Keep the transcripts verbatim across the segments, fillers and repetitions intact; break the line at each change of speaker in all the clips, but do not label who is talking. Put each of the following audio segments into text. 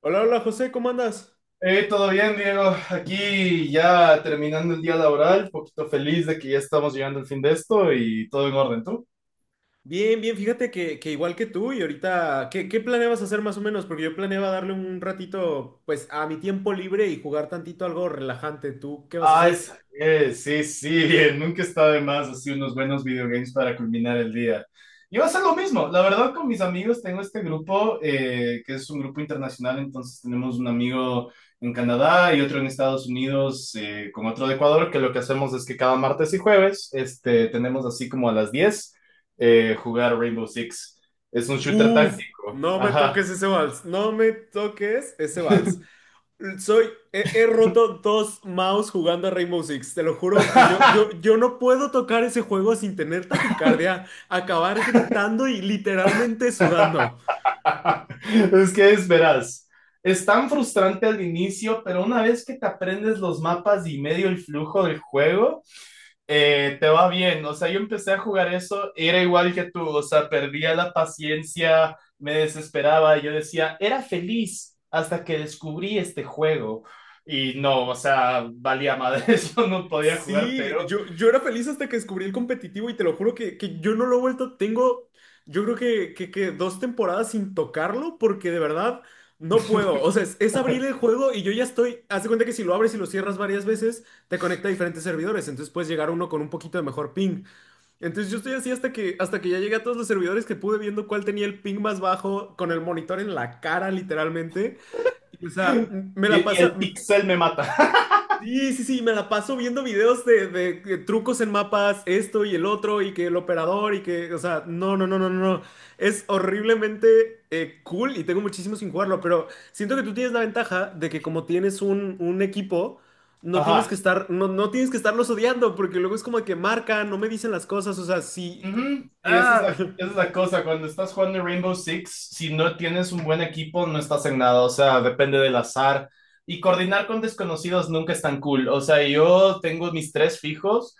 Hola, hola José, ¿cómo andas?
Eh, todo bien, Diego. Aquí ya terminando el día laboral, poquito feliz de que ya estamos llegando al fin de esto y todo en orden. ¿Tú?
Bien, bien, fíjate que, que igual que tú. Y ahorita, ¿qué, qué planeabas hacer más o menos? Porque yo planeaba darle un ratito, pues, a mi tiempo libre y jugar tantito algo relajante. ¿Tú qué vas a
Ay,
hacer?
Samuel, sí, sí, bien, nunca está de más así unos buenos videogames para culminar el día. Yo voy a hacer lo mismo, la verdad con mis amigos tengo este grupo, eh, que es un grupo internacional, entonces tenemos un amigo en Canadá y otro en Estados Unidos, eh, con otro de Ecuador, que lo que hacemos es que cada martes y jueves, este, tenemos así como a las diez eh, jugar Rainbow Six. Es un shooter
Uf,
táctico,
no me
ajá.
toques ese vals, no me toques ese vals. Soy, he, he roto dos mouse jugando a Rainbow Six. Te lo juro que yo, yo, yo no puedo tocar ese juego sin tener taquicardia, acabar gritando y literalmente sudando.
Es que es verás. Es tan frustrante al inicio, pero una vez que te aprendes los mapas y medio el flujo del juego, eh, te va bien. O sea, yo empecé a jugar eso, era igual que tú, o sea, perdía la paciencia, me desesperaba, yo decía, era feliz hasta que descubrí este juego. Y no, o sea, valía madre, yo no podía jugar, pero.
Sí, yo, yo era feliz hasta que descubrí el competitivo, y te lo juro que, que yo no lo he vuelto. Tengo, yo creo que, que, que dos temporadas sin tocarlo, porque de verdad no puedo. O sea, es, es abrir el juego y yo ya estoy. Haz de cuenta que si lo abres y lo cierras varias veces, te conecta a diferentes servidores, entonces puedes llegar a uno con un poquito de mejor ping. Entonces yo estoy así hasta que, hasta que ya llegué a todos los servidores que pude, viendo cuál tenía el ping más bajo, con el monitor en la cara, literalmente. Y, o sea, me la
Y, y
pasa.
el pixel me mata.
Sí, sí, sí, me la paso viendo videos de, de- de trucos en mapas, esto y el otro, y que el operador, y que, o sea, no, no, no, no, no, no. Es horriblemente eh, cool y tengo muchísimo sin jugarlo, pero siento que tú tienes la ventaja de que como tienes un, un equipo, no tienes que
Ajá.
estar, no, no tienes que estarlos odiando, porque luego es como que marcan, no me dicen las cosas, o sea, sí,
Ujú. Y esa es
ah,
la, esa es la cosa, cuando estás jugando Rainbow Six, si no tienes un buen equipo, no estás en nada, o sea, depende del azar. Y coordinar con desconocidos nunca es tan cool, o sea, yo tengo mis tres fijos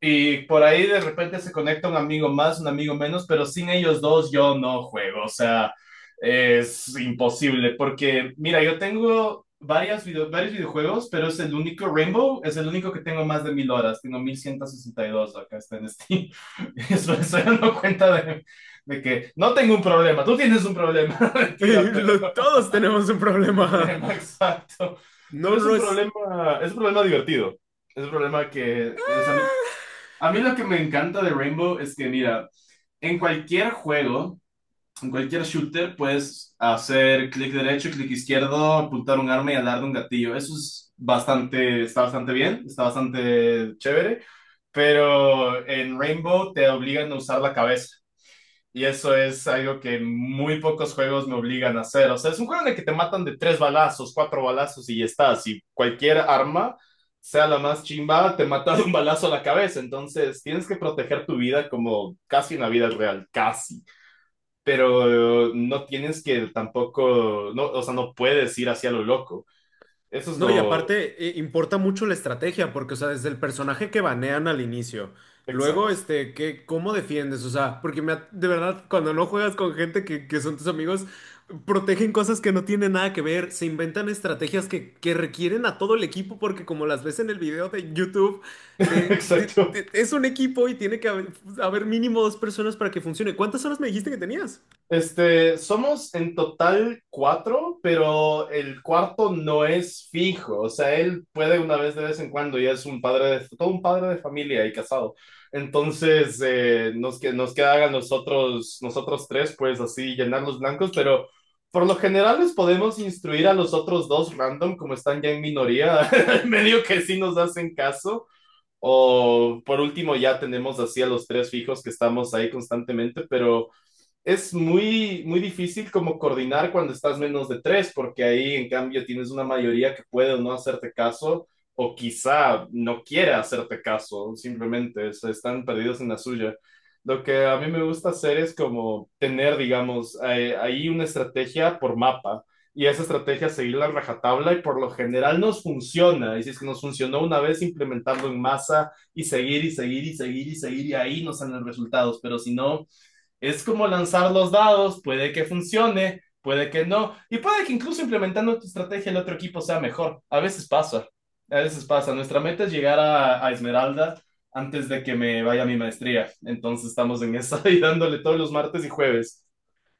y por ahí de repente se conecta un amigo más, un amigo menos, pero sin ellos dos yo no juego, o sea, es imposible, porque mira, yo tengo varias video- varios videojuegos, pero es el único, Rainbow es el único que tengo más de mil horas, tengo mil ciento sesenta y dos acá está en Steam, eso me estoy dando cuenta de, de que no tengo un problema, tú tienes un problema, mentira, pero
lo- todos tenemos un problema.
problema exacto,
No,
pero
no,
es
no,
un
es...
problema, es un problema divertido. Es un problema que, o sea, a mí lo que me encanta de Rainbow es que, mira, en cualquier juego, en cualquier shooter, puedes hacer clic derecho, clic izquierdo, apuntar un arma y alar de un gatillo. Eso es bastante, está bastante bien, está bastante chévere, pero en Rainbow te obligan a usar la cabeza. Y eso es algo que muy pocos juegos me obligan a hacer. O sea, es un juego en el que te matan de tres balazos, cuatro balazos y ya estás. Y cualquier arma, sea la más chimba, te mata de un balazo a la cabeza. Entonces, tienes que proteger tu vida como casi una vida real, casi. Pero eh, no tienes que tampoco, no, o sea, no puedes ir hacia lo loco. Eso es
No, y
lo
aparte eh, importa mucho la estrategia, porque, o sea, desde el personaje que banean al inicio, luego,
exacto,
este, que, ¿cómo defiendes? O sea, porque me ha- de verdad, cuando no juegas con gente que, que son tus amigos, protegen cosas que no tienen nada que ver, se inventan estrategias que, que requieren a todo el equipo, porque como las ves en el video de YouTube, eh, de-
exacto.
de- es un equipo y tiene que haber, haber mínimo dos personas para que funcione. ¿Cuántas horas me dijiste que tenías?
Este, somos en total cuatro, pero el cuarto no es fijo. O sea, él puede una vez de vez en cuando, ya es un padre de, todo un padre de familia y casado. Entonces, eh, nos, que- nos queda a nosotros, nosotros tres, pues así, llenar los blancos, pero por lo general les podemos instruir a los otros dos random, como están ya en minoría, medio que sí nos hacen caso. O por último, ya tenemos así a los tres fijos que estamos ahí constantemente, pero es muy, muy difícil como coordinar cuando estás menos de tres, porque ahí en cambio tienes una mayoría que puede o no hacerte caso, o quizá no quiera hacerte caso, simplemente se están perdidos en la suya. Lo que a mí me gusta hacer es como tener, digamos, eh, ahí una estrategia por mapa y esa estrategia seguirla en rajatabla y por lo general nos funciona. Y si es que nos funcionó una vez, implementarlo en masa y seguir y seguir y seguir y seguir y ahí nos salen los resultados. Pero si no, es como lanzar los dados, puede que funcione, puede que no, y puede que incluso implementando tu estrategia el otro equipo sea mejor. A veces pasa, a veces pasa. Nuestra meta es llegar a, a Esmeralda antes de que me vaya a mi maestría. Entonces estamos en esa y dándole todos los martes y jueves.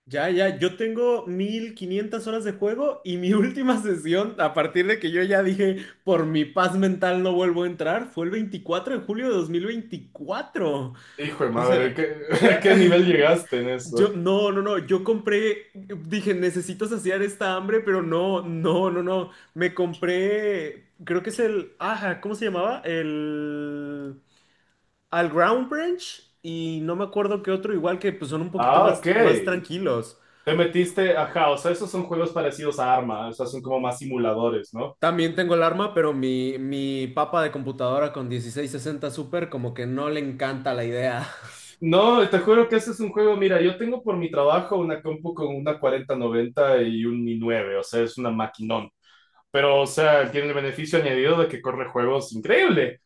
Ya, ya, yo tengo mil quinientas horas de juego. Y mi última sesión, a partir de que yo ya dije, por mi paz mental no vuelvo a entrar, fue el veinticuatro de julio de dos mil veinticuatro.
Hijo de
O
madre.
sea,
¿qué,
ya,
qué nivel llegaste en
yo,
eso?
no, no, no, yo compré, dije, necesito saciar esta hambre. Pero no, no, no, no, me compré, creo que es el, ajá, ¿cómo se llamaba? El, al Ground Branch, y no me acuerdo qué otro, igual que pues son un poquito
Ah,
más,
ok.
más tranquilos.
Te metiste, ajá, o sea, esos son juegos parecidos a Arma, o sea, son como más simuladores, ¿no?
También tengo el arma, pero mi, mi papa de computadora con dieciséis sesenta Super como que no le encanta la idea.
No, te juro que ese es un juego, mira, yo tengo por mi trabajo una compu con una cuarenta noventa y un i nueve, o sea, es una maquinón. Pero, o sea, tiene el beneficio añadido de que corre juegos increíble.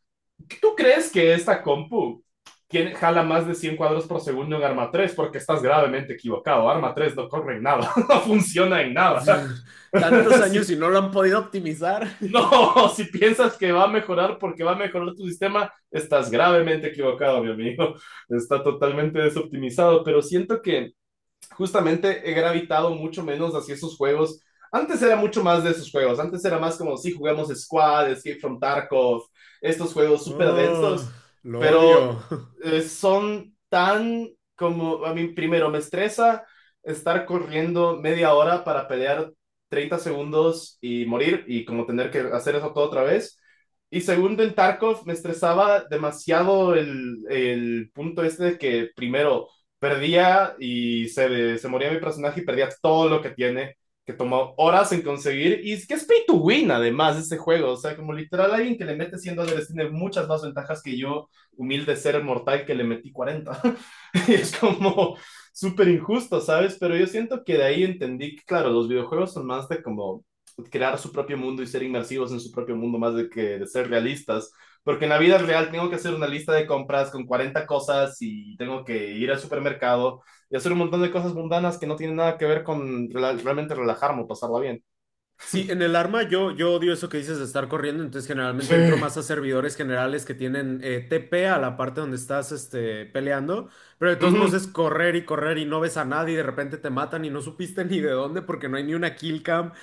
¿Tú crees que esta compu tiene, jala más de cien cuadros por segundo en Arma tres? Porque estás gravemente equivocado. Arma tres no corre en nada, no funciona en nada.
Tantos años y
Si-
no lo han podido optimizar.
no, si piensas que va a mejorar porque va a mejorar tu sistema, estás gravemente equivocado, mi amigo, está totalmente desoptimizado, pero siento que justamente he gravitado mucho menos hacia esos juegos. Antes era mucho más de esos juegos, antes era más como si sí, jugamos Squad, Escape from Tarkov, estos juegos súper
Oh,
densos,
lo
pero
odio.
eh, son tan como, a mí primero me estresa estar corriendo media hora para pelear treinta segundos y morir y como tener que hacer eso todo otra vez. Y segundo, en Tarkov me estresaba demasiado el, el punto este de que primero perdía y se, se moría mi personaje y perdía todo lo que tiene, que tomó horas en conseguir y es que es pay to win además ese juego, o sea, como literal alguien que le mete cien dólares tiene muchas más ventajas que yo, humilde ser mortal que le metí cuarenta. Y es como súper injusto, ¿sabes? Pero yo siento que de ahí entendí que, claro, los videojuegos son más de como crear su propio mundo y ser inmersivos en su propio mundo, más de que de ser realistas. Porque en la vida real tengo que hacer una lista de compras con cuarenta cosas y tengo que ir al supermercado y hacer un montón de cosas mundanas que no tienen nada que ver con rela- realmente relajarme o pasarla bien.
Sí, en el arma yo, yo odio eso que dices de estar corriendo, entonces generalmente
Sí.
entro más a servidores generales que tienen eh, T P a la parte donde estás este, peleando, pero de todos modos es
Ujú.
correr y correr y no ves a nadie y de repente te matan y no supiste ni de dónde, porque no hay ni una kill cam.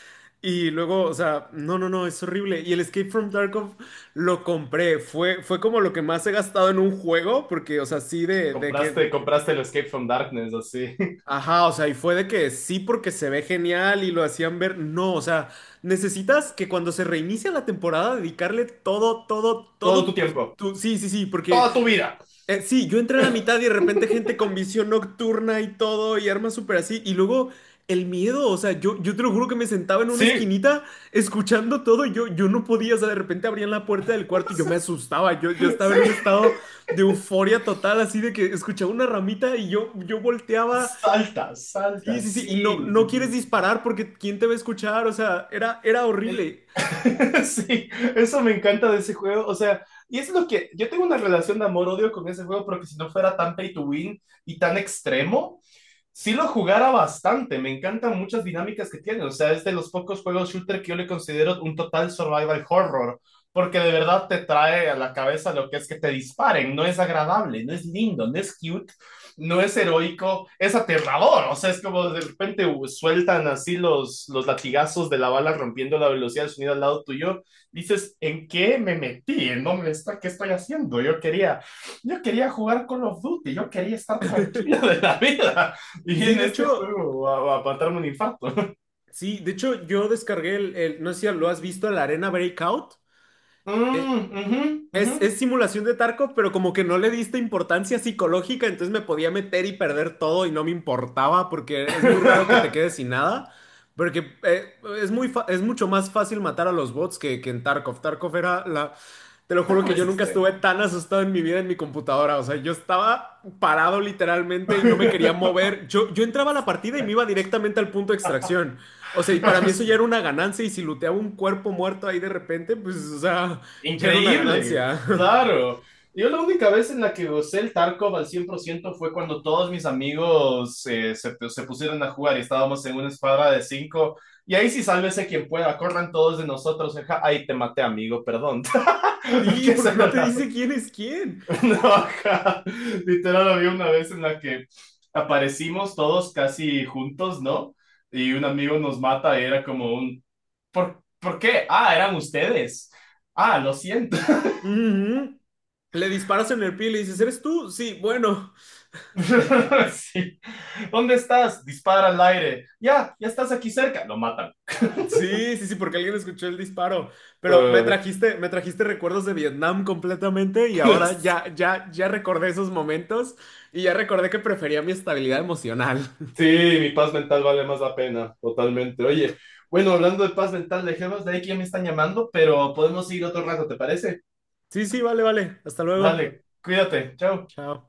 Y luego, o sea, no, no, no, es horrible. Y el Escape from Tarkov lo compré, fue, fue como lo que más he gastado en un juego porque, o sea, sí de, de
Compraste,
que...
compraste el Escape from Darkness, así.
Ajá, o sea, y fue de que sí porque se ve genial y lo hacían ver. No, o sea, necesitas que cuando se reinicia la temporada dedicarle todo, todo,
Todo tu
todo.
tiempo,
Tu... Sí, sí, sí, porque
toda tu vida.
eh, sí, yo entré a la mitad y de repente gente con visión nocturna y todo y armas súper así. Y luego el miedo, o sea, yo, yo te lo juro que me sentaba en una
Sí,
esquinita escuchando todo. Y Yo, yo no podía, o sea, de repente abrían la puerta del cuarto y yo me asustaba. Yo, yo estaba en un
sí.
estado de euforia total, así de que escuchaba una ramita y yo, yo volteaba.
Salta,
Sí,
salta,
sí, sí,
sí,
y no, no
sí,
quieres
sí, sí. Sí.
disparar porque ¿quién te va a escuchar? O sea, era, era
Es-
horrible.
sí, eso me encanta de ese juego. O sea, y es lo que yo tengo una relación de amor-odio con ese juego porque si no fuera tan pay to win y tan extremo, sí lo jugara bastante. Me encantan muchas dinámicas que tiene. O sea, es de los pocos juegos shooter que yo le considero un total survival horror. Porque de verdad te trae a la cabeza lo que es que te disparen. No es agradable, no es lindo, no es cute, no es heroico, es aterrador. O sea, es como de repente uh, sueltan así los, los latigazos de la bala rompiendo la velocidad del sonido al lado tuyo. Dices, ¿en qué me metí? ¿En dónde está? ¿Qué estoy haciendo? Yo quería, yo quería jugar Call of Duty, yo quería estar tranquilo de la vida. Y
Sí,
en
de
este
hecho,
juego, a, a matarme un infarto.
sí, de hecho yo descargué el, el- no sé si lo has visto, la Arena Breakout.
Mm,
Eh,
ujú, ujú.
es, es simulación de Tarkov, pero como que no le diste importancia psicológica, entonces me podía meter y perder todo y no me importaba porque es muy raro que te quedes sin nada. Porque eh, es muy fa- es mucho más fácil matar a los bots que, que en Tarkov. Tarkov era la... Te lo juro
Taco
que
es
yo nunca estuve
extremo.
tan asustado en mi vida en mi computadora. O sea, yo estaba parado literalmente y no me quería mover. Yo, yo entraba a la partida y me iba directamente al punto de extracción. O sea, y para mí eso ya era una ganancia. Y si looteaba un cuerpo muerto ahí de repente, pues, o sea, ya era una
Increíble,
ganancia.
claro. Yo la única vez en la que gocé el Tarkov al cien por ciento fue cuando todos mis amigos eh, se, se pusieron a jugar y estábamos en una escuadra de cinco. Y ahí sí, sálvese quien pueda, corran todos de nosotros. Ajá. Ay, te maté, amigo, perdón. Que
Sí, porque
esa.
no te dice quién es quién.
No, ajá. Literal, había una vez en la que aparecimos todos casi juntos, ¿no? Y un amigo nos mata y era como un... ¿Por, ¿por qué? Ah, eran ustedes. Ah, lo siento.
Ujú. Le disparas en el pie y le dices, ¿eres tú? Sí, bueno.
Sí. ¿Dónde estás? Dispara al aire. Ya, ya estás aquí cerca. Lo matan.
Sí, sí, sí, porque alguien escuchó el disparo. Pero me
Eh,
trajiste, me trajiste recuerdos de Vietnam completamente, y ahora ya, ya, ya recordé esos momentos y ya recordé que prefería mi estabilidad emocional.
sí, mi paz mental vale más la pena, totalmente. Oye, bueno, hablando de paz mental, dejemos de ahí que ya me están llamando, pero podemos seguir otro rato, ¿te parece?
Sí, sí, vale, vale. Hasta luego.
Dale, cuídate, chao.
Chao.